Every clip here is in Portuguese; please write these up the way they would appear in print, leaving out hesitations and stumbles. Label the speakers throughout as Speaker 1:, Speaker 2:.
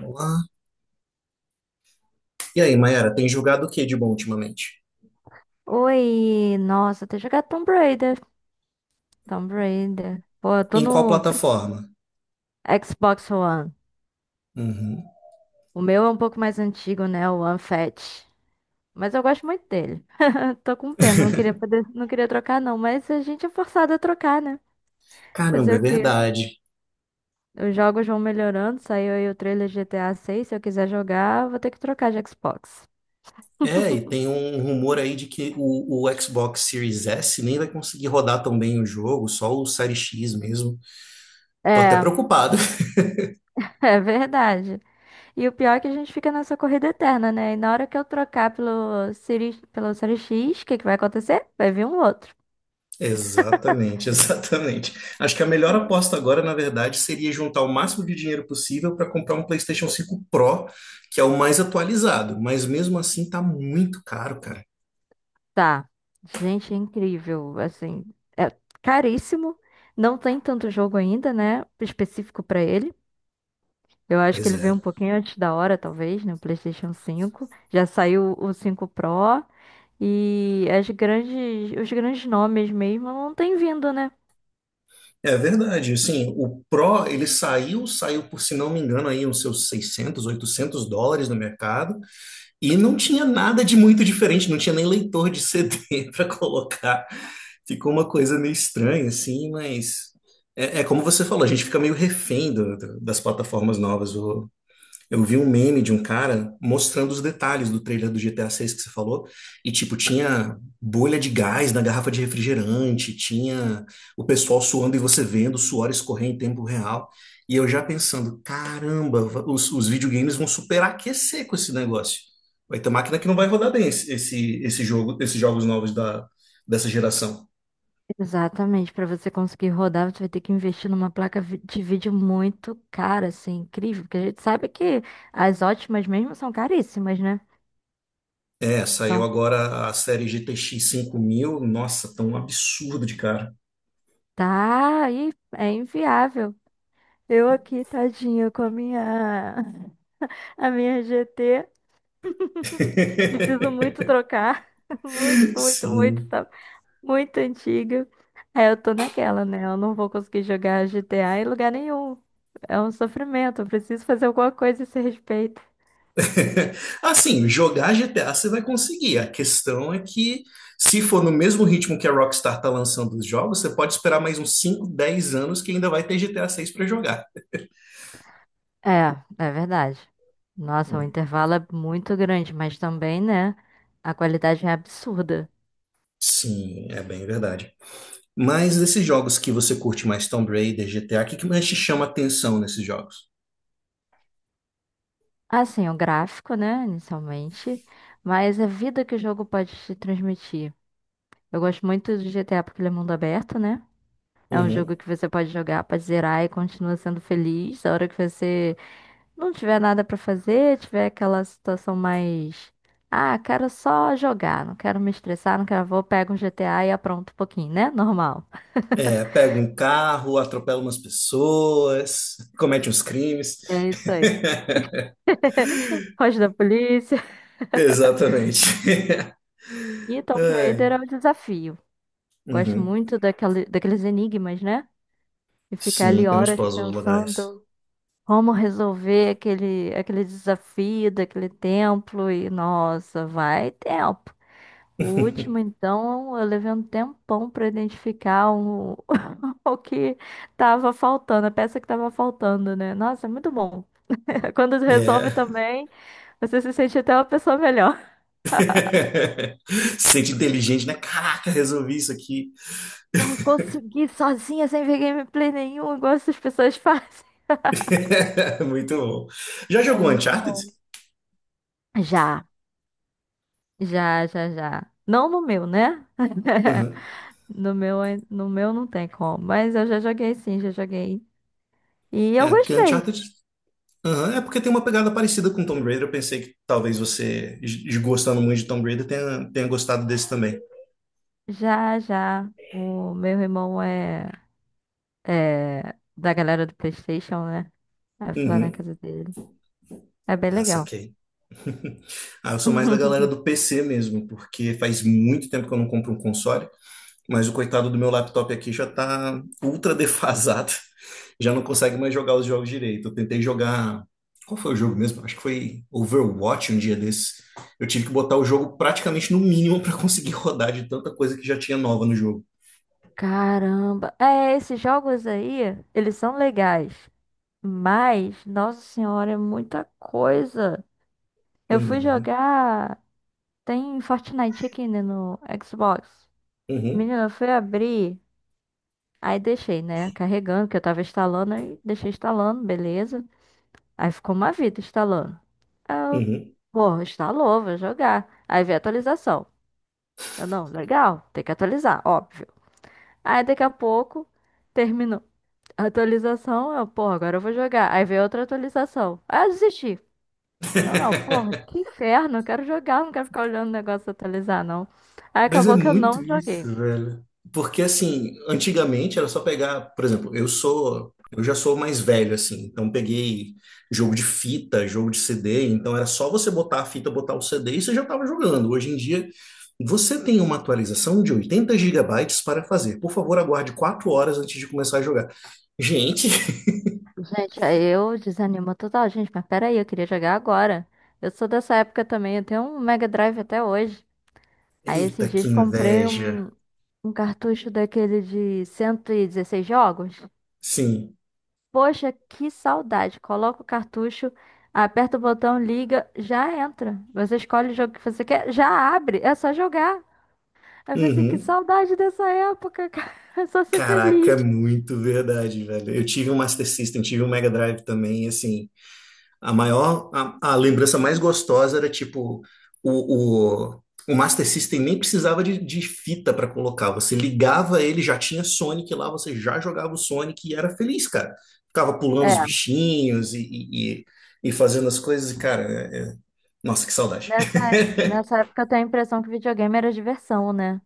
Speaker 1: Olá. E aí, Mayara, tem jogado o que de bom ultimamente?
Speaker 2: Oi, nossa, tem jogado Tomb Raider. Tomb Raider. Pô, eu tô
Speaker 1: Em qual
Speaker 2: no te-
Speaker 1: plataforma?
Speaker 2: Xbox One.
Speaker 1: Uhum.
Speaker 2: O meu é um pouco mais antigo, né? O One Fat. Mas eu gosto muito dele. Tô com pena, não queria poder, não queria trocar não, mas a gente é forçado a trocar, né? Fazer
Speaker 1: Caramba, é
Speaker 2: o quê?
Speaker 1: verdade.
Speaker 2: Os jogos vão melhorando, saiu aí o trailer de GTA 6. Se eu quiser jogar, vou ter que trocar de Xbox.
Speaker 1: É, e tem um rumor aí de que o Xbox Series S nem vai conseguir rodar tão bem o jogo, só o Series X mesmo. Tô até
Speaker 2: É,
Speaker 1: preocupado.
Speaker 2: é verdade. E o pior é que a gente fica nessa corrida eterna, né? E na hora que eu trocar pelo Siri, pelo Série X, o que que vai acontecer? Vai vir um outro.
Speaker 1: Exatamente, exatamente. Acho que a melhor aposta agora, na verdade, seria juntar o máximo de dinheiro possível para comprar um PlayStation 5 Pro, que é o mais atualizado, mas mesmo assim tá muito caro, cara.
Speaker 2: Tá. Gente, é incrível. Assim, é caríssimo. Não tem tanto jogo ainda, né? Específico pra ele. Eu acho que
Speaker 1: Pois
Speaker 2: ele
Speaker 1: é.
Speaker 2: veio um pouquinho antes da hora, talvez, né? O PlayStation 5. Já saiu o 5 Pro. E as grandes, os grandes nomes mesmo não têm vindo, né?
Speaker 1: É verdade, assim, o Pro, ele saiu, saiu por, se não me engano, aí uns seus US$ 600, US$ 800 no mercado, e não tinha nada de muito diferente, não tinha nem leitor de CD para colocar. Ficou uma coisa meio estranha, assim, mas é, é como você falou, a gente fica meio refém das plataformas novas. Eu vi um meme de um cara mostrando os detalhes do trailer do GTA 6 que você falou, e tipo, tinha bolha de gás na garrafa de refrigerante, tinha o pessoal suando e você vendo o suor escorrer em tempo real. E eu já pensando, caramba, os videogames vão superaquecer com esse negócio. Vai ter máquina que não vai rodar bem esse jogo, esses jogos novos dessa geração.
Speaker 2: Exatamente, para você conseguir rodar, você vai ter que investir numa placa vi- de vídeo muito cara, assim, incrível, porque a gente sabe que as ótimas mesmo são caríssimas, né?
Speaker 1: É, saiu
Speaker 2: São,
Speaker 1: agora a série GTX 1000. Nossa, tão absurdo de cara.
Speaker 2: tá, e é inviável. Eu aqui, tadinha, com a minha, a minha GT, preciso muito trocar, muito, muito, muito,
Speaker 1: Sim.
Speaker 2: tá muito antiga. Aí eu tô naquela, né? Eu não vou conseguir jogar GTA em lugar nenhum. É um sofrimento, eu preciso fazer alguma coisa a esse respeito.
Speaker 1: Assim, jogar GTA você vai conseguir. A questão é que, se for no mesmo ritmo que a Rockstar tá lançando os jogos, você pode esperar mais uns 5, 10 anos que ainda vai ter GTA 6 para jogar.
Speaker 2: É, é verdade. Nossa, o intervalo é muito grande, mas também, né? A qualidade é absurda.
Speaker 1: Sim, é bem verdade. Mas desses jogos que você curte mais, Tomb Raider, GTA, o que que mais te chama atenção nesses jogos?
Speaker 2: Assim, o gráfico, né, inicialmente, mas a vida que o jogo pode te transmitir. Eu gosto muito do GTA porque ele é mundo aberto, né? É um jogo
Speaker 1: Uhum.
Speaker 2: que você pode jogar, pode zerar e continua sendo feliz. A hora que você não tiver nada pra fazer, tiver aquela situação mais. Ah, quero só jogar, não quero me estressar, não quero. Vou, pego um GTA e apronto um pouquinho, né? Normal.
Speaker 1: É, pega um carro, atropela umas pessoas, comete uns crimes.
Speaker 2: É isso aí. Foge da polícia.
Speaker 1: Exatamente.
Speaker 2: E Tomb
Speaker 1: Ai.
Speaker 2: Raider é o desafio. Gosto
Speaker 1: Uhum.
Speaker 2: muito daquele, daqueles enigmas, né? E ficar ali
Speaker 1: Sim, tem uns
Speaker 2: horas
Speaker 1: puzzles legais.
Speaker 2: pensando como resolver aquele, aquele desafio daquele templo. E nossa, vai tempo. O último, então, eu levei um tempão para identificar o, o que tava faltando, a peça que tava faltando, né? Nossa, é muito bom. Quando resolve
Speaker 1: É.
Speaker 2: também, você se sente até uma pessoa melhor.
Speaker 1: Se sente inteligente, né? Caraca, resolvi isso aqui.
Speaker 2: Porra, consegui sozinha, sem ver gameplay nenhum, igual essas pessoas fazem.
Speaker 1: Muito bom. Já
Speaker 2: É
Speaker 1: jogou
Speaker 2: muito
Speaker 1: Uncharted?
Speaker 2: bom. Já, já, já, já. Não no meu, né?
Speaker 1: Uhum.
Speaker 2: No meu, ai- no meu não tem como, mas eu já joguei sim, já joguei. E eu
Speaker 1: É, porque
Speaker 2: gostei.
Speaker 1: Uncharted. Uhum. É porque tem uma pegada parecida com Tomb Raider. Eu pensei que talvez você, gostando muito de Tomb Raider, tenha gostado desse também.
Speaker 2: Já, já. O meu irmão é, é da galera do PlayStation, né? Aí eu fui lá na
Speaker 1: Uhum.
Speaker 2: casa dele. É bem
Speaker 1: Ah,
Speaker 2: legal.
Speaker 1: saquei. Ah, eu sou mais da galera do PC mesmo, porque faz muito tempo que eu não compro um console. Mas o coitado do meu laptop aqui já tá ultra defasado. Já não consegue mais jogar os jogos direito. Eu tentei jogar. Qual foi o jogo mesmo? Acho que foi Overwatch um dia desse. Eu tive que botar o jogo praticamente no mínimo para conseguir rodar de tanta coisa que já tinha nova no jogo.
Speaker 2: Caramba. É, esses jogos aí, eles são legais. Mas, nossa senhora, é muita coisa. Eu fui
Speaker 1: Uhum,
Speaker 2: jogar. Tem Fortnite aqui, né, no Xbox.
Speaker 1: uhum,
Speaker 2: Menina, eu fui abrir. Aí deixei, né, carregando, que eu tava instalando. Aí deixei instalando, beleza. Aí ficou uma vida instalando. Aí eu,
Speaker 1: uhum.
Speaker 2: pô, instalou, vou jogar. Aí veio a atualização. Eu, não, legal, tem que atualizar, óbvio. Aí daqui a pouco, terminou a Atualização. Eu, pô, agora eu vou jogar. Aí veio outra atualização. Aí eu desisti. Não, não, porra, que inferno, eu quero jogar, não quero ficar olhando o negócio atualizar, não. Aí
Speaker 1: Mas é
Speaker 2: acabou que eu
Speaker 1: muito
Speaker 2: não joguei.
Speaker 1: isso, velho. Porque assim, antigamente era só pegar, por exemplo, eu já sou mais velho assim, então peguei jogo de fita, jogo de CD, então era só você botar a fita, botar o CD e você já estava jogando. Hoje em dia, você tem uma atualização de 80 GB para fazer. Por favor, aguarde 4 horas antes de começar a jogar. Gente,
Speaker 2: Gente, aí eu desanimo total, gente, mas peraí, eu queria jogar agora. Eu sou dessa época também, eu tenho um Mega Drive até hoje. Aí esses
Speaker 1: eita, que
Speaker 2: dias comprei
Speaker 1: inveja.
Speaker 2: um, um cartucho daquele de 116 jogos.
Speaker 1: Sim.
Speaker 2: Poxa, que saudade. Coloca o cartucho, aperta o botão, liga, já entra. Você escolhe o jogo que você quer, já abre, é só jogar. Aí eu falei assim, que
Speaker 1: Uhum.
Speaker 2: saudade dessa época, cara. É só ser
Speaker 1: Caraca, é
Speaker 2: feliz.
Speaker 1: muito verdade, velho. Eu tive um Master System, tive um Mega Drive também, e assim, a maior, a lembrança mais gostosa era tipo o, o, o Master System nem precisava de fita para colocar. Você ligava ele, já tinha Sonic lá, você já jogava o Sonic e era feliz, cara. Ficava pulando os
Speaker 2: É,
Speaker 1: bichinhos e fazendo as coisas, e, cara, nossa, que saudade.
Speaker 2: nessa época eu tenho a impressão que videogame era diversão, né?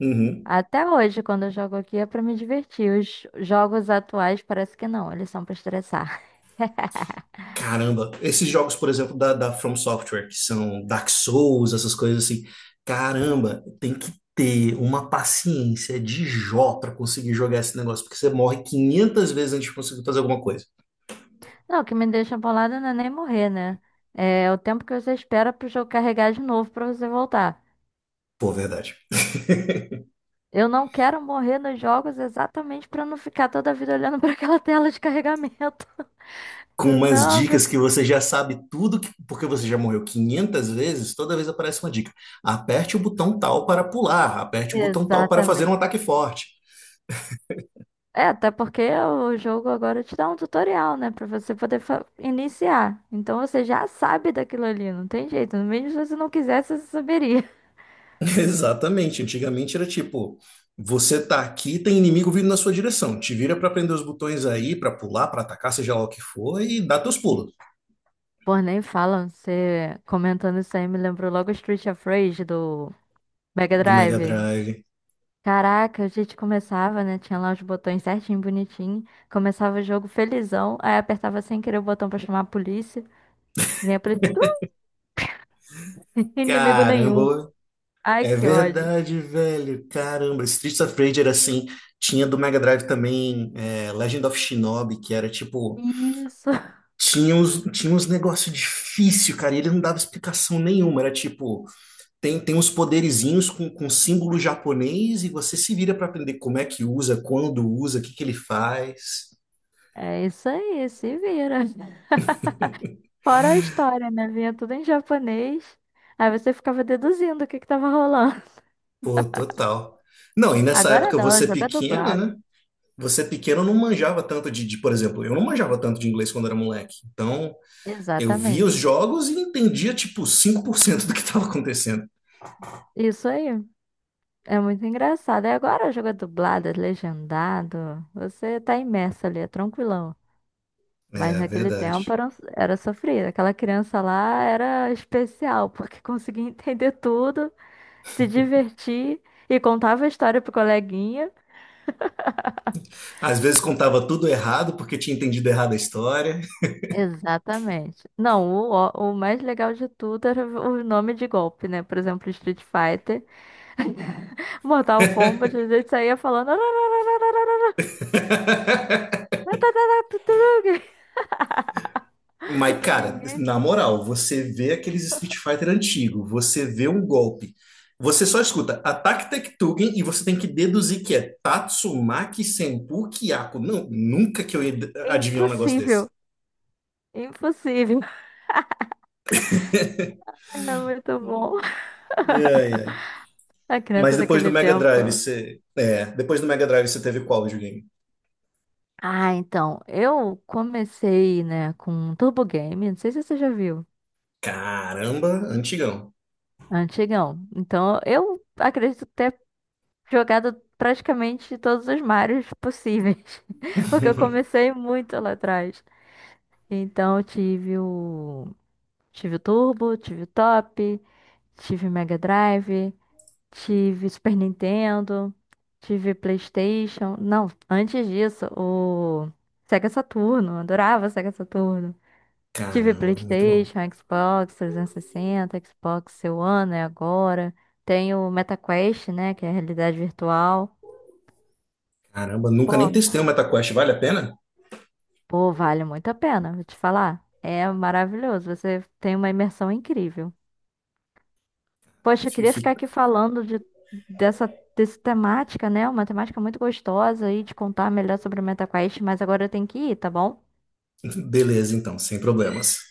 Speaker 1: Uhum.
Speaker 2: Até hoje, quando eu jogo aqui, é pra me divertir. Os jogos atuais parece que não, eles são pra estressar.
Speaker 1: Caramba, esses jogos, por exemplo, da From Software, que são Dark Souls, essas coisas assim, caramba, tem que ter uma paciência de Jó pra conseguir jogar esse negócio, porque você morre 500 vezes antes de conseguir fazer alguma coisa.
Speaker 2: Não, o que me deixa bolada não é nem morrer, né? É o tempo que você espera pro jogo carregar de novo pra você voltar.
Speaker 1: Pô, verdade.
Speaker 2: Eu não quero morrer nos jogos exatamente pra não ficar toda a vida olhando pra aquela tela de carregamento.
Speaker 1: Com umas
Speaker 2: Não,
Speaker 1: dicas que você já sabe tudo, que- porque você já morreu 500 vezes, toda vez aparece uma dica. Aperte o botão tal para pular, aperte o botão tal para fazer um
Speaker 2: exatamente.
Speaker 1: ataque forte.
Speaker 2: É, até porque o jogo agora te dá um tutorial, né? Pra você poder fa- iniciar. Então você já sabe daquilo ali, não tem jeito. Mesmo se você não quisesse, você saberia.
Speaker 1: Exatamente. Antigamente era tipo, você tá aqui, tem inimigo vindo na sua direção. Te vira pra prender os botões aí, pra pular, pra atacar, seja lá o que for, e dá teus pulos.
Speaker 2: Pô, nem falam. Você comentando isso aí me lembrou logo Street of Rage do Mega
Speaker 1: Do Mega
Speaker 2: Drive.
Speaker 1: Drive.
Speaker 2: Caraca, a gente começava, né? Tinha lá os botões certinho, bonitinho. Começava o jogo felizão. Aí apertava sem querer o botão pra chamar a polícia. Vinha a polícia. Inimigo nenhum.
Speaker 1: Caramba,
Speaker 2: Ai,
Speaker 1: é
Speaker 2: que ódio.
Speaker 1: verdade, velho. Caramba, Streets of Rage era assim. Tinha do Mega Drive também é, Legend of Shinobi, que era tipo.
Speaker 2: Isso.
Speaker 1: Tinha uns negócios difíceis, cara, e ele não dava explicação nenhuma. Era tipo. Tem, tem uns poderizinhos com símbolo japonês e você se vira para aprender como é que usa, quando usa, o que que ele faz.
Speaker 2: É isso aí, se vira. Fora a história, né? Vinha tudo em japonês. Aí você ficava deduzindo o que que tava rolando.
Speaker 1: Pô, total. Não, e nessa
Speaker 2: Agora
Speaker 1: época
Speaker 2: não,
Speaker 1: você
Speaker 2: joga
Speaker 1: pequeno,
Speaker 2: dublado.
Speaker 1: né? Você pequeno não manjava tanto por exemplo, eu não manjava tanto de inglês quando era moleque. Então, eu via os
Speaker 2: Exatamente.
Speaker 1: jogos e entendia, tipo, 5% do que estava acontecendo.
Speaker 2: Isso aí. É muito engraçado. E agora joga dublado, é legendado. Você tá imerso ali, é tranquilão. Mas
Speaker 1: É,
Speaker 2: naquele tempo
Speaker 1: verdade.
Speaker 2: era, um- era sofrido. Aquela criança lá era especial, porque conseguia entender tudo, se divertir e contava a história pro coleguinha.
Speaker 1: Às vezes contava tudo errado porque tinha entendido errado a história.
Speaker 2: Exatamente. Não, o mais legal de tudo era o nome de golpe, né? Por exemplo, Street Fighter, Mortal Kombat, a gente saía falando.
Speaker 1: Mas, cara,
Speaker 2: Ninguém.
Speaker 1: na moral, você vê aqueles Street Fighter antigo, você vê um golpe, você só escuta ataque Tektugen e você tem que deduzir que é Tatsumaki Senpu Kiyako. Não, nunca que eu ia
Speaker 2: É
Speaker 1: adivinhar um negócio desse.
Speaker 2: impossível. Impossível. É muito bom.
Speaker 1: Ai, ai.
Speaker 2: A
Speaker 1: Mas
Speaker 2: criança
Speaker 1: depois do
Speaker 2: daquele
Speaker 1: Mega
Speaker 2: tempo.
Speaker 1: Drive, você. É, depois do Mega Drive você teve qual videogame?
Speaker 2: Ah, então, eu comecei, né, com Turbo Game, não sei se você já viu,
Speaker 1: Caramba, antigão.
Speaker 2: antigão. Então, eu acredito ter jogado praticamente todos os Marios possíveis, porque eu comecei muito lá atrás. Então eu tive o Turbo, tive o Top, tive o Mega Drive, tive Super Nintendo, tive PlayStation. Não, antes disso, o Sega Saturno, eu adorava Sega Saturno. Tive
Speaker 1: Caramba, muito bom.
Speaker 2: PlayStation, Xbox 360, Xbox One, né, agora. Tenho o MetaQuest, né, que é a realidade virtual.
Speaker 1: Caramba, nunca nem
Speaker 2: Pô,
Speaker 1: testei o MetaQuest, vale a pena?
Speaker 2: Pô, vale muito a pena, vou te falar. É maravilhoso, você tem uma imersão incrível. Poxa, eu
Speaker 1: Fi-
Speaker 2: queria
Speaker 1: fi-
Speaker 2: ficar aqui falando de, dessa temática, né? Uma temática muito gostosa e te contar melhor sobre o MetaQuest, mas agora eu tenho que ir, tá bom?
Speaker 1: Beleza, então, sem problemas.